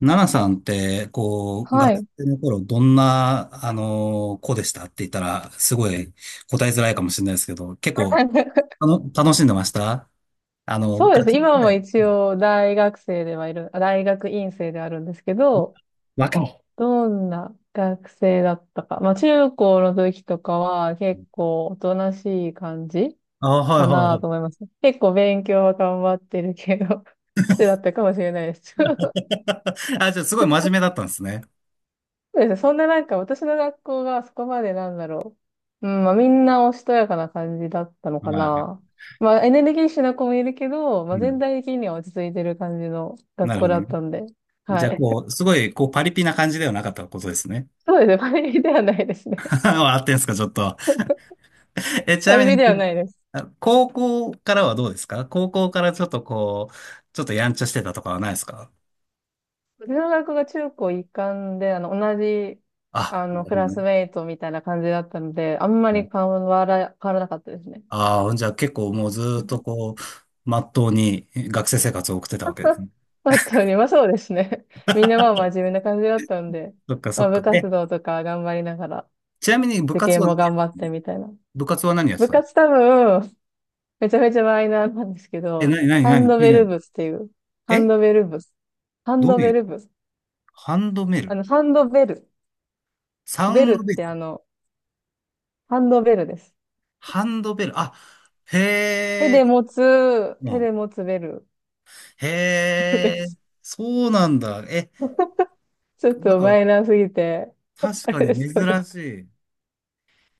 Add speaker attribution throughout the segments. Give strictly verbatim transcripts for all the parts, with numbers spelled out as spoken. Speaker 1: ナナさんって、こう、
Speaker 2: は
Speaker 1: 学
Speaker 2: い。
Speaker 1: 生の頃、どんな、あの、子でしたって言ったら、すごい答えづらいかもしれないですけど、結構、あの、楽しんでましたあの、
Speaker 2: そうです
Speaker 1: 学
Speaker 2: ね。
Speaker 1: 生時
Speaker 2: 今も
Speaker 1: 代。う
Speaker 2: 一
Speaker 1: ん。
Speaker 2: 応大学生ではいる、あ大学院生であるんですけど、
Speaker 1: 若い。
Speaker 2: どんな学生だったか。まあ中高の時とかは結構おとなしい感じ
Speaker 1: あ、は
Speaker 2: か
Speaker 1: いはいは
Speaker 2: なと思い
Speaker 1: い。
Speaker 2: ます。結構勉強は頑張ってるけど、してだったかもしれないです。
Speaker 1: あ、じゃあ、すごい真面目だったんですね。
Speaker 2: そうですね。そんななんか私の学校がそこまでなんだろう。うん、まあみんなおしとやかな感じだったのか
Speaker 1: は
Speaker 2: な。まあエネルギッシュな子もいるけど、ま
Speaker 1: い。
Speaker 2: あ
Speaker 1: う
Speaker 2: 全
Speaker 1: ん。
Speaker 2: 体的には落ち着いてる感じの学
Speaker 1: なる
Speaker 2: 校
Speaker 1: ほど
Speaker 2: だ
Speaker 1: ね。
Speaker 2: ったんで。は
Speaker 1: じゃあ、
Speaker 2: い。
Speaker 1: こう、すごい、こう、パリピな感じではなかったことですね。
Speaker 2: そうですね。パリピではないですね。
Speaker 1: 笑ってんすか、ちょっと。え、ち
Speaker 2: パ
Speaker 1: な
Speaker 2: リ
Speaker 1: み
Speaker 2: ピ
Speaker 1: に、
Speaker 2: ではないです。
Speaker 1: あ、高校からはどうですか？高校からちょっとこう、ちょっとやんちゃしてたとかはないですか？
Speaker 2: 私の学校が中高一貫で、あの、同じ、
Speaker 1: あ、
Speaker 2: あ
Speaker 1: な
Speaker 2: の、
Speaker 1: る
Speaker 2: ク
Speaker 1: ほ
Speaker 2: ラ
Speaker 1: どね。
Speaker 2: スメイトみたいな感じだったので、あんまり変わら、変わらなかったですね。
Speaker 1: ああ、じゃあ結構もうずーっとこう、まっとうに学生生活を送ってたわけです ね。
Speaker 2: 本当に、まあそうですね。みんなまあ真面目な感じだったんで、
Speaker 1: そっかそ
Speaker 2: まあ
Speaker 1: っか。
Speaker 2: 部活
Speaker 1: え、
Speaker 2: 動とか頑張りながら、
Speaker 1: ちなみに部
Speaker 2: 受
Speaker 1: 活
Speaker 2: 験
Speaker 1: は、
Speaker 2: も頑張ってみたいな。
Speaker 1: 部活は何やって
Speaker 2: 部
Speaker 1: たの？
Speaker 2: 活多分、めちゃめちゃマイナーなんですけ
Speaker 1: え、
Speaker 2: ど、
Speaker 1: 何、何、
Speaker 2: ハ
Speaker 1: 何、
Speaker 2: ンド
Speaker 1: 聞い
Speaker 2: ベ
Speaker 1: てな
Speaker 2: ル
Speaker 1: い。
Speaker 2: 部っていう、ハン
Speaker 1: え、
Speaker 2: ドベル部、ハン
Speaker 1: ど
Speaker 2: ド
Speaker 1: うい
Speaker 2: ベ
Speaker 1: う？
Speaker 2: ル部、
Speaker 1: ハンドベ
Speaker 2: あ
Speaker 1: ル？
Speaker 2: の、ハンドベル、
Speaker 1: サウ
Speaker 2: ベ
Speaker 1: ン
Speaker 2: ルっ
Speaker 1: ドベル？
Speaker 2: てあの、ハンドベルです。
Speaker 1: ハンドベル、あ、へ
Speaker 2: 手
Speaker 1: え、
Speaker 2: で持つ、手で
Speaker 1: も
Speaker 2: 持つベル
Speaker 1: うん、へ
Speaker 2: で
Speaker 1: え、
Speaker 2: す。
Speaker 1: そうなんだ。え、
Speaker 2: ちょっ
Speaker 1: なん
Speaker 2: と
Speaker 1: か、
Speaker 2: マイナーすぎて、
Speaker 1: 確
Speaker 2: あ
Speaker 1: か
Speaker 2: れ
Speaker 1: に
Speaker 2: ですよね。
Speaker 1: 珍しい。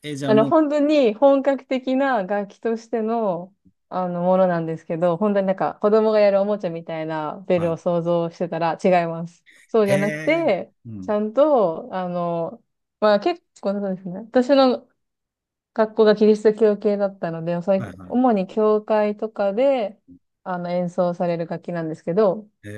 Speaker 1: え、じゃあ
Speaker 2: あの、
Speaker 1: もう、
Speaker 2: 本当に本格的な楽器としての、あの、ものなんですけど、本当になんか子供がやるおもちゃみたいなベ
Speaker 1: は
Speaker 2: ル
Speaker 1: い。
Speaker 2: を想像してたら違います。そうじ
Speaker 1: へ
Speaker 2: ゃなく
Speaker 1: え。
Speaker 2: て、
Speaker 1: う
Speaker 2: ち
Speaker 1: ん。
Speaker 2: ゃんと、あの、まあ結構そうですね。私の学校がキリスト教系だったので、おさ
Speaker 1: は
Speaker 2: い
Speaker 1: いは
Speaker 2: 主
Speaker 1: い。
Speaker 2: に教会とかで、あの、演奏される楽器なんですけど、
Speaker 1: へ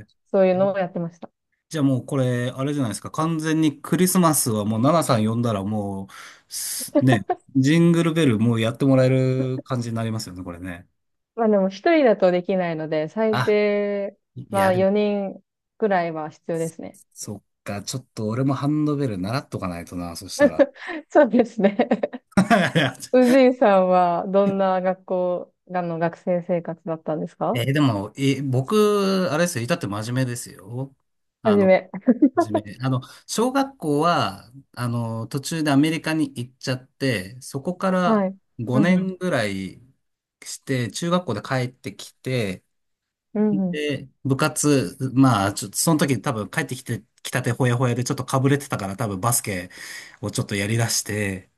Speaker 1: え。
Speaker 2: そういうのをやってました。
Speaker 1: じゃあもうこれ、あれじゃないですか。完全にクリスマスはもう、ナナさん呼んだらもう、すね、ジングルベルもうやってもらえる感じになりますよね、これね。
Speaker 2: まあでも一人だとできないので、最
Speaker 1: あ、
Speaker 2: 低、ま
Speaker 1: や
Speaker 2: あ
Speaker 1: べ、
Speaker 2: よにんくらいは必要ですね。
Speaker 1: そっか。ちょっと俺もハンドベル習っとかないとな、そしたら。
Speaker 2: そうですね。宇 治井さんはど
Speaker 1: いや、
Speaker 2: んな学校がの学生生活だったんですか？
Speaker 1: えーでも、えー僕、あれですよ、至って真面目ですよ。
Speaker 2: は
Speaker 1: あ
Speaker 2: じ
Speaker 1: の
Speaker 2: め。
Speaker 1: 初め、あの、小学校は、あの、途中でアメリカに行っちゃって、そこか
Speaker 2: は
Speaker 1: ら
Speaker 2: い。うん
Speaker 1: 5
Speaker 2: うん。
Speaker 1: 年ぐらいして、中学校で帰ってきて、
Speaker 2: うんうん。
Speaker 1: で、部活、まあ、ちょっと、その時多分帰ってきて、きたてほやほやでちょっとかぶれてたから多分バスケをちょっとやりだして、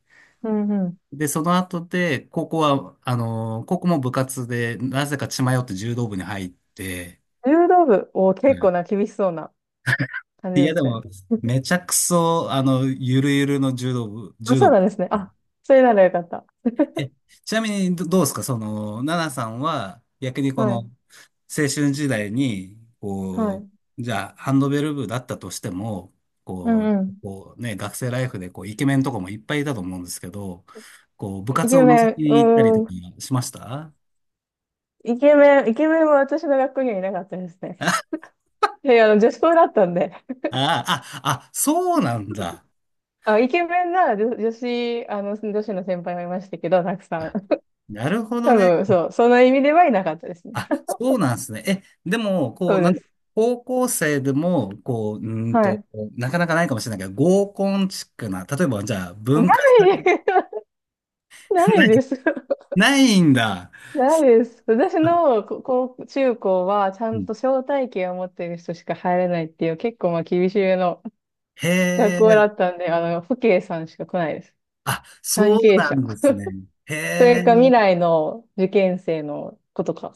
Speaker 2: うんうん。
Speaker 1: で、その後で、高校は、あの、高校も部活で、なぜか血迷って柔道部に入って、
Speaker 2: 柔道部を結構な厳しそうな感じ
Speaker 1: い
Speaker 2: で
Speaker 1: や、
Speaker 2: す
Speaker 1: で
Speaker 2: ね。
Speaker 1: も、めちゃくそ、あの、ゆるゆるの柔道部、
Speaker 2: あ、
Speaker 1: 柔
Speaker 2: そ
Speaker 1: 道
Speaker 2: う
Speaker 1: 部。
Speaker 2: なんですね。あ、それならよかった。
Speaker 1: え、ちなみにど、どうですかその、ナナさんは、逆にこ
Speaker 2: はい。
Speaker 1: の、青春時代に、こ
Speaker 2: はい。
Speaker 1: う、じゃあ、ハンドベル部だったとしても、
Speaker 2: う
Speaker 1: こう、
Speaker 2: んうん。
Speaker 1: こうね、学生ライフで、こう、イケメンとかもいっぱいいたと思うんですけど、こう、部
Speaker 2: イ
Speaker 1: 活
Speaker 2: ケ
Speaker 1: を
Speaker 2: メ
Speaker 1: 覗き
Speaker 2: ン、う
Speaker 1: に行ったりと
Speaker 2: ー
Speaker 1: か
Speaker 2: ん。
Speaker 1: しました？
Speaker 2: イケメン、イケメンは私の学校にはいなかったですね。
Speaker 1: あ。
Speaker 2: いやいや、あの、女子校だったんで。
Speaker 1: あ、あ、あ、そうなんだ。
Speaker 2: あ、イケメンなら女女子、あの、女子の先輩はいましたけど、たくさん。
Speaker 1: あ、なるほど
Speaker 2: 多
Speaker 1: ね。
Speaker 2: 分、そう、その意味ではいなかったですね。
Speaker 1: あ、そうなんですね。え、でも、こ
Speaker 2: そ
Speaker 1: う、
Speaker 2: う
Speaker 1: なん
Speaker 2: で
Speaker 1: だ、
Speaker 2: す。
Speaker 1: 高校生でも、こう、うーん
Speaker 2: は
Speaker 1: と、
Speaker 2: い。
Speaker 1: なかなかないかもしれないけど、合コンチックな、例えば、じゃあ、
Speaker 2: な
Speaker 1: 文化祭、
Speaker 2: い な
Speaker 1: な
Speaker 2: い
Speaker 1: い、
Speaker 2: です。
Speaker 1: ないんだ。
Speaker 2: ないです。私
Speaker 1: あ、
Speaker 2: のこ高中高は、ちゃ
Speaker 1: う
Speaker 2: ん
Speaker 1: ん、
Speaker 2: と招待券を持ってる人しか入れないっていう、結構まあ厳しめの
Speaker 1: へ
Speaker 2: 学校
Speaker 1: え、
Speaker 2: だったんで、あの、父兄さんしか来ないです。
Speaker 1: あ、そ
Speaker 2: 関
Speaker 1: う
Speaker 2: 係
Speaker 1: な
Speaker 2: 者。
Speaker 1: んですね。へ
Speaker 2: それ
Speaker 1: え、
Speaker 2: か未来の受験生の子とか。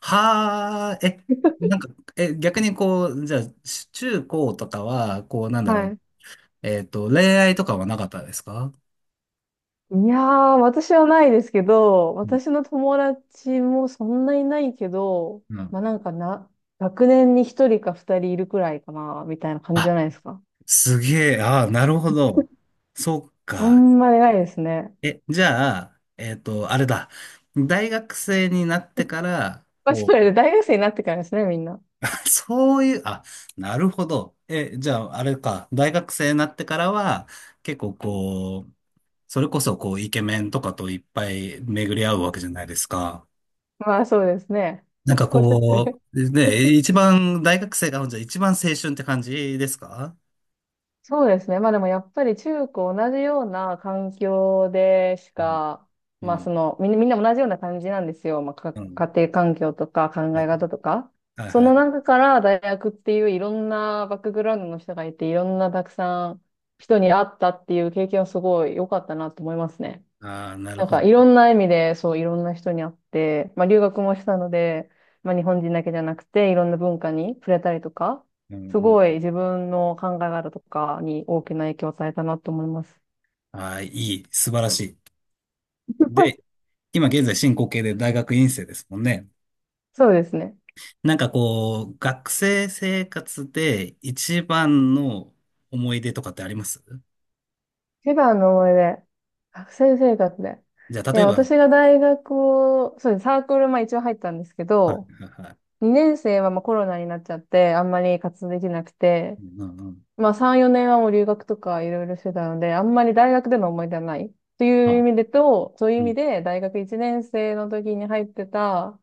Speaker 1: はあ、え、なんか、え、逆にこう、じゃあ、し中高とかは、こう、なんだろ
Speaker 2: は
Speaker 1: う、
Speaker 2: い。
Speaker 1: えっと、恋愛とかはなかったですか？
Speaker 2: いやー、私はないですけど、
Speaker 1: うん。
Speaker 2: 私の友達もそんなにないけど、
Speaker 1: うん。
Speaker 2: まあなんかな、学年に一人か二人いるくらいかな、みたいな感じじ
Speaker 1: あ、
Speaker 2: ゃないですか。
Speaker 1: すげえ、ああ、なるほど。そっ
Speaker 2: あ
Speaker 1: か。
Speaker 2: んまりないですね。
Speaker 1: え、じゃあ、えっと、あれだ。大学生になってから、
Speaker 2: まあ、そ
Speaker 1: こ
Speaker 2: れ
Speaker 1: う、
Speaker 2: で大学生になってからですね、みんな。
Speaker 1: そういう、あ、なるほど。え、じゃあ、あれか。大学生になってからは、結構こう、それこそこう、イケメンとかといっぱい巡り合うわけじゃないですか。
Speaker 2: まあそうですね。
Speaker 1: なんか
Speaker 2: それっ
Speaker 1: こ
Speaker 2: て
Speaker 1: う、ね、一番、大学生が、じゃあ一番青春って感じですか？
Speaker 2: そうですね。まあでもやっぱり中高同じような環境でし
Speaker 1: うん、
Speaker 2: か、ま
Speaker 1: う
Speaker 2: あそ
Speaker 1: ん、
Speaker 2: の、みんな、みんな同じような感じなんですよ。まあか
Speaker 1: うん。
Speaker 2: 家庭環境とか考
Speaker 1: は
Speaker 2: え
Speaker 1: い、
Speaker 2: 方とか。
Speaker 1: はい。
Speaker 2: そ
Speaker 1: はい。
Speaker 2: の中から大学っていういろんなバックグラウンドの人がいて、いろんなたくさん人に会ったっていう経験はすごい良かったなと思いますね。
Speaker 1: ああ、なる
Speaker 2: なん
Speaker 1: ほ
Speaker 2: か
Speaker 1: ど。
Speaker 2: いろんな意味で、そう、いろんな人に会って、まあ留学もしたので、まあ日本人だけじゃなくて、いろんな文化に触れたりとか、
Speaker 1: うん、
Speaker 2: す
Speaker 1: う
Speaker 2: ごい
Speaker 1: ん。
Speaker 2: 自分の考え方とかに大きな影響を与えたなと思います。
Speaker 1: ああ、いい。素晴らしい。で、今現在進行形で大学院生ですもんね。
Speaker 2: そうですね。
Speaker 1: なんかこう、学生生活で一番の思い出とかってあります？
Speaker 2: 一番の思い出、学生生活で。
Speaker 1: じゃあ、
Speaker 2: い
Speaker 1: 例
Speaker 2: や、
Speaker 1: えば、はい。
Speaker 2: 私が大学を、そうです、サークル、まあ一応入ったんですけ
Speaker 1: はい
Speaker 2: ど、
Speaker 1: はい。
Speaker 2: にねん生はまあコロナになっちゃって、あんまり活動できなくて、
Speaker 1: うんうんうん。
Speaker 2: まあさん、よねんはもう留学とかいろいろしてたので、あんまり大学での思い出はない。という意
Speaker 1: あ、
Speaker 2: 味でと、そういう意
Speaker 1: う
Speaker 2: 味
Speaker 1: ん。
Speaker 2: で大学いちねん生の時に入ってた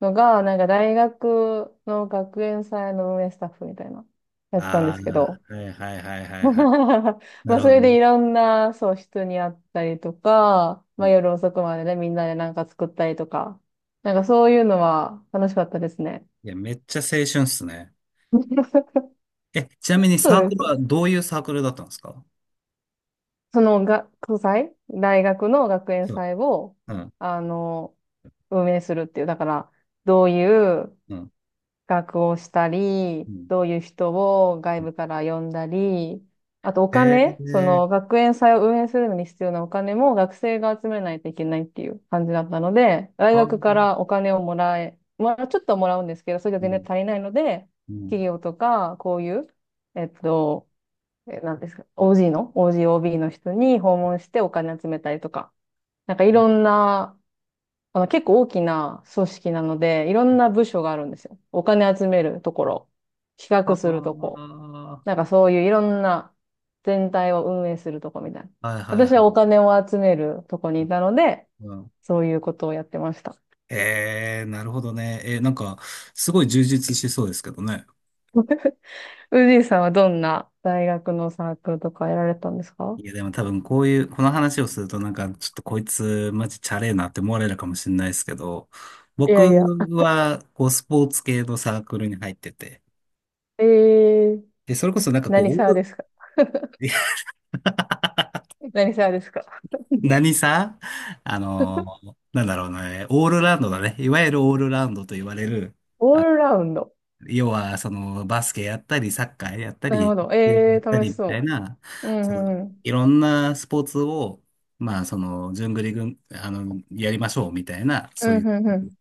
Speaker 2: のが、なんか大学の学園祭の運営スタッフみたいなやつなたんで
Speaker 1: あ
Speaker 2: すけど。
Speaker 1: あ、はいはいはいはいはい。な
Speaker 2: まあ
Speaker 1: る
Speaker 2: そ
Speaker 1: ほど
Speaker 2: れで
Speaker 1: ね。
Speaker 2: いろんな、そう、人に会ったりとか、
Speaker 1: う
Speaker 2: まあ
Speaker 1: ん。
Speaker 2: 夜遅くまでね、みんなでなんか作ったりとか、なんかそういうのは楽しかったですね。
Speaker 1: いや、めっちゃ青春っすね。え、ちなみに
Speaker 2: そ
Speaker 1: サーク
Speaker 2: う
Speaker 1: ル
Speaker 2: で
Speaker 1: は
Speaker 2: す。
Speaker 1: どういうサークルだったんですか？
Speaker 2: その学祭、大学の学園
Speaker 1: そう。
Speaker 2: 祭を、
Speaker 1: うん、
Speaker 2: あの、運営するっていう。だから、どういう
Speaker 1: うん、
Speaker 2: 学をしたり、
Speaker 1: うん。
Speaker 2: どういう人を外
Speaker 1: うん。
Speaker 2: 部から呼んだり、あとお
Speaker 1: え
Speaker 2: 金、そ
Speaker 1: ー、
Speaker 2: の学園祭を運営するのに必要なお金も学生が集めないといけないっていう感じだったので、大
Speaker 1: は、う
Speaker 2: 学からお金をもらえ、まあ、ちょっとはもらうんですけど、それが全然
Speaker 1: ん、
Speaker 2: 足りないので、
Speaker 1: うん。
Speaker 2: 企業とか、こういう、えっと、え、なんですか、オージー の、オージーオービー の人に訪問してお金集めたりとか、なんかいろんな、あの結構大きな組織なので、いろんな部署があるんですよ。お金集めるところ、企画すると
Speaker 1: あ
Speaker 2: こ、なんかそういういろんな全体を運営するとこみたいな。
Speaker 1: あ、はいは
Speaker 2: 私
Speaker 1: い
Speaker 2: はお
Speaker 1: はい。
Speaker 2: 金を集めるとこにいたので、
Speaker 1: うん。
Speaker 2: そういうことをやってました。
Speaker 1: えー、なるほどね。えー、なんか、すごい充実しそうですけどね。
Speaker 2: ウジーさんはどんな大学のサークルとかやられたんですか？
Speaker 1: いや、でも多分こういう、この話をするとなんか、ちょっとこいつマジチャレーなって思われるかもしれないですけど、
Speaker 2: い
Speaker 1: 僕
Speaker 2: やいや。
Speaker 1: は、こう、スポーツ系のサークルに入ってて、
Speaker 2: えー、
Speaker 1: で、それこそなんかこう、
Speaker 2: 何サー
Speaker 1: オ
Speaker 2: で
Speaker 1: ー
Speaker 2: すか？
Speaker 1: ル。
Speaker 2: 何サーですか？
Speaker 1: 何さ、あのーなんだろうね、オールラウンドだね。いわゆるオールラウンドと言われる、
Speaker 2: オールラウンド。
Speaker 1: 要は、その、バスケやったり、サッカーやった
Speaker 2: なる
Speaker 1: り、
Speaker 2: ほど。
Speaker 1: 野球
Speaker 2: ええ
Speaker 1: やっ
Speaker 2: ー、
Speaker 1: た
Speaker 2: 楽
Speaker 1: り
Speaker 2: し
Speaker 1: みたい
Speaker 2: そ
Speaker 1: な、
Speaker 2: う。うんう
Speaker 1: その、
Speaker 2: んうん。
Speaker 1: いろんなスポーツを、まあ、その、順繰りぐんあの、やりましょうみたいな、
Speaker 2: う
Speaker 1: そうい
Speaker 2: ん
Speaker 1: う。
Speaker 2: うん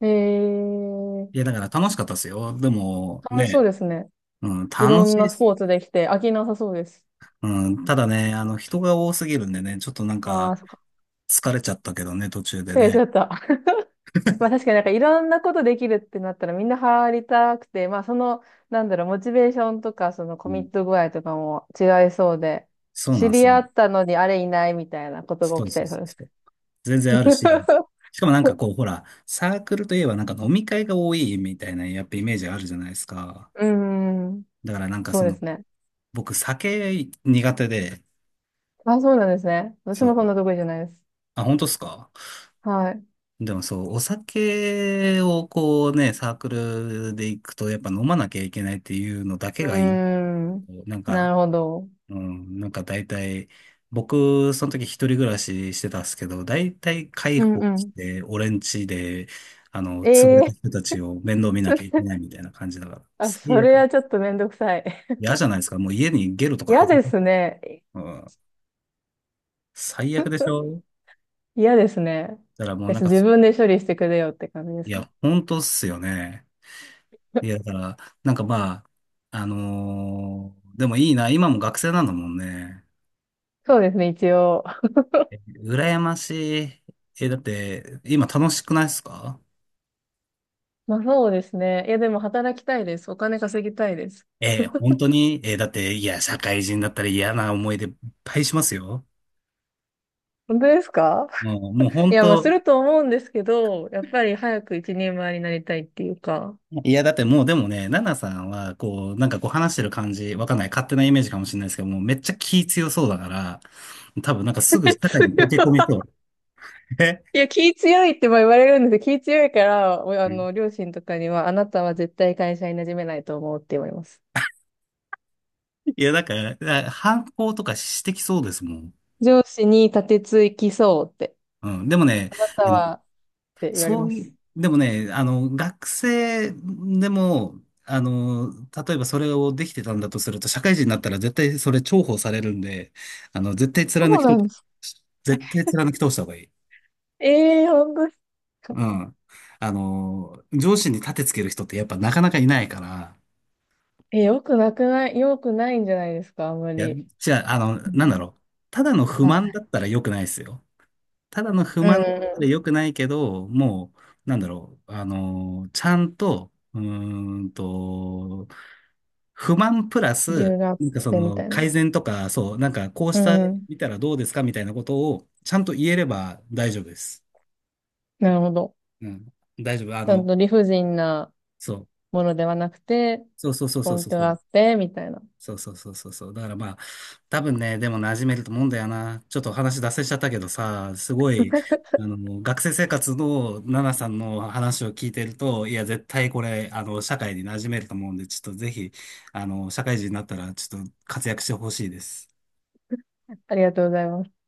Speaker 2: うん。ええー、
Speaker 1: いや、だから楽しかったですよ。でも、
Speaker 2: 楽しそ
Speaker 1: ね、
Speaker 2: うですね。
Speaker 1: うん、
Speaker 2: いろ
Speaker 1: 楽
Speaker 2: ん
Speaker 1: しい
Speaker 2: な
Speaker 1: っ
Speaker 2: ス
Speaker 1: す。
Speaker 2: ポーツできて飽きなさそうです。
Speaker 1: うん、ただね、あの、人が多すぎるんでね、ちょっとなん
Speaker 2: あ
Speaker 1: か、
Speaker 2: あ、そっか。
Speaker 1: 疲れちゃったけどね、途中で
Speaker 2: 失礼しち
Speaker 1: ね。
Speaker 2: ゃった。まあ確かになんかいろんなことできるってなったらみんな入りたくて、まあその、なんだろう、モチベーションとかそのコ
Speaker 1: う
Speaker 2: ミ
Speaker 1: ん、
Speaker 2: ット具合とかも違いそうで、
Speaker 1: そうな
Speaker 2: 知
Speaker 1: んです
Speaker 2: り
Speaker 1: よ。
Speaker 2: 合ったのにあれいないみたいなことが
Speaker 1: そう
Speaker 2: 起きちゃ
Speaker 1: そう
Speaker 2: いそう
Speaker 1: そ
Speaker 2: です。
Speaker 1: う。全然あるし、しかもなんかこう、ほら、サークルといえばなんか飲み会が多いみたいな、やっぱイメージあるじゃないですか。
Speaker 2: うーん、
Speaker 1: だからなんか
Speaker 2: そう
Speaker 1: そ
Speaker 2: で
Speaker 1: の、
Speaker 2: すね。
Speaker 1: 僕酒苦手で、
Speaker 2: あ、そうなんですね。私
Speaker 1: そ
Speaker 2: もそん
Speaker 1: う。
Speaker 2: な得意じゃないです。
Speaker 1: あ、本当っすか？
Speaker 2: はい。
Speaker 1: でもそう、お酒をこうね、サークルで行くとやっぱ飲まなきゃいけないっていうのだけ
Speaker 2: うー
Speaker 1: がいい。
Speaker 2: ん。
Speaker 1: なん
Speaker 2: な
Speaker 1: か、
Speaker 2: るほど。
Speaker 1: うん、なんか大体、僕、その時一人暮らししてたんですけど、大体介
Speaker 2: うん
Speaker 1: 抱
Speaker 2: う
Speaker 1: し
Speaker 2: ん。
Speaker 1: て、俺ん家で、あの、
Speaker 2: え
Speaker 1: 潰れた
Speaker 2: え
Speaker 1: 人たちを面倒見なきゃいけない みたいな感じだから、
Speaker 2: あ、
Speaker 1: 最
Speaker 2: それは
Speaker 1: 悪。
Speaker 2: ちょっとめんどくさい。
Speaker 1: 嫌じゃないですか。もう家にゲロとか
Speaker 2: 嫌
Speaker 1: 吐
Speaker 2: で
Speaker 1: く。
Speaker 2: すね。
Speaker 1: うん、最悪でしょ？
Speaker 2: 嫌ですね。
Speaker 1: だからもう
Speaker 2: で
Speaker 1: なん
Speaker 2: す
Speaker 1: か、
Speaker 2: 自分で処理してくれよって感じで
Speaker 1: い
Speaker 2: すね。
Speaker 1: や、本当っすよね。いや、だから、なんかまあ、あのーでもいいな。今も学生なんだもんね。
Speaker 2: そうですね、一応。
Speaker 1: 羨ましい。え、だって、今楽しくないっすか？
Speaker 2: まあそうですね。いや、でも働きたいです。お金稼ぎたいです。
Speaker 1: ええ、本当に、ええ、だって、いや、社会人だったら嫌な思い出いっぱいしますよ。
Speaker 2: 本当ですか？
Speaker 1: もう、もう
Speaker 2: い
Speaker 1: 本
Speaker 2: や、まあす
Speaker 1: 当、
Speaker 2: ると思うんですけど、やっぱり早く一人前になりたいっていうか。
Speaker 1: いや、だってもうでもね、ナナさんは、こう、なんかこう話してる感じ、わかんない、勝手なイメージかもしれないですけど、もうめっちゃ気強そうだから、多分なんかすぐ 社会
Speaker 2: 強い
Speaker 1: に溶け込みそう。え。
Speaker 2: いや、気強いってまあ言われるんですけど、気強いから、おあ
Speaker 1: うん。
Speaker 2: の、両親とかには、あなたは絶対会社に馴染めないと思うって言われます。
Speaker 1: いや、だから、だから反抗とかしてきそうですもん。
Speaker 2: 上司に立てつきそうって、
Speaker 1: うん。でもね、
Speaker 2: あなた
Speaker 1: あの
Speaker 2: はって言われ
Speaker 1: そ
Speaker 2: ま
Speaker 1: うい
Speaker 2: す。
Speaker 1: う、でもね、あの、学生でも、あの、例えばそれをできてたんだとすると、社会人になったら絶対それ重宝されるんで、あの、絶対
Speaker 2: そ
Speaker 1: 貫
Speaker 2: う
Speaker 1: き通、
Speaker 2: なんです。
Speaker 1: 絶対貫き通した方がいい。
Speaker 2: ええー、本当ですか。
Speaker 1: うん。あの、上司に立てつける人ってやっぱなかなかいないから、
Speaker 2: え、よくなくない、よくないんじゃないですか、あんま
Speaker 1: いや、
Speaker 2: り。
Speaker 1: じゃあ、あの、
Speaker 2: う
Speaker 1: なんだ
Speaker 2: ん。
Speaker 1: ろう。ただの不
Speaker 2: 反
Speaker 1: 満だ
Speaker 2: 対
Speaker 1: ったら良くないですよ。ただの不
Speaker 2: うん
Speaker 1: 満
Speaker 2: う
Speaker 1: で良
Speaker 2: ん。
Speaker 1: くないけど、もう、なんだろう、あの、ちゃんと、うーんと、不満プラ
Speaker 2: 理
Speaker 1: ス、
Speaker 2: 由があっ
Speaker 1: なんかそ
Speaker 2: てみ
Speaker 1: の
Speaker 2: たいな。
Speaker 1: 改善とか、そう、なんかこうし
Speaker 2: う
Speaker 1: た
Speaker 2: ん。
Speaker 1: 見たらどうですかみたいなことをちゃんと言えれば大丈夫です。
Speaker 2: なるほど。
Speaker 1: うん。大丈夫。あ
Speaker 2: ちゃん
Speaker 1: の、
Speaker 2: と理不尽な
Speaker 1: そう。
Speaker 2: ものではなくて、
Speaker 1: そうそうそうそう
Speaker 2: 根拠
Speaker 1: そ
Speaker 2: があ
Speaker 1: う。
Speaker 2: って、みたいな。
Speaker 1: そうそうそうそうそう。だからまあ、多分ね、でも馴染めると思うんだよな。ちょっとお話脱線しちゃったけどさ、すごい、あの、学生生活のナナさんの話を聞いてると、いや、絶対これ、あの、社会に馴染めると思うんで、ちょっとぜひ、あの、社会人になったら、ちょっと活躍してほしいです。
Speaker 2: ありがとうございます。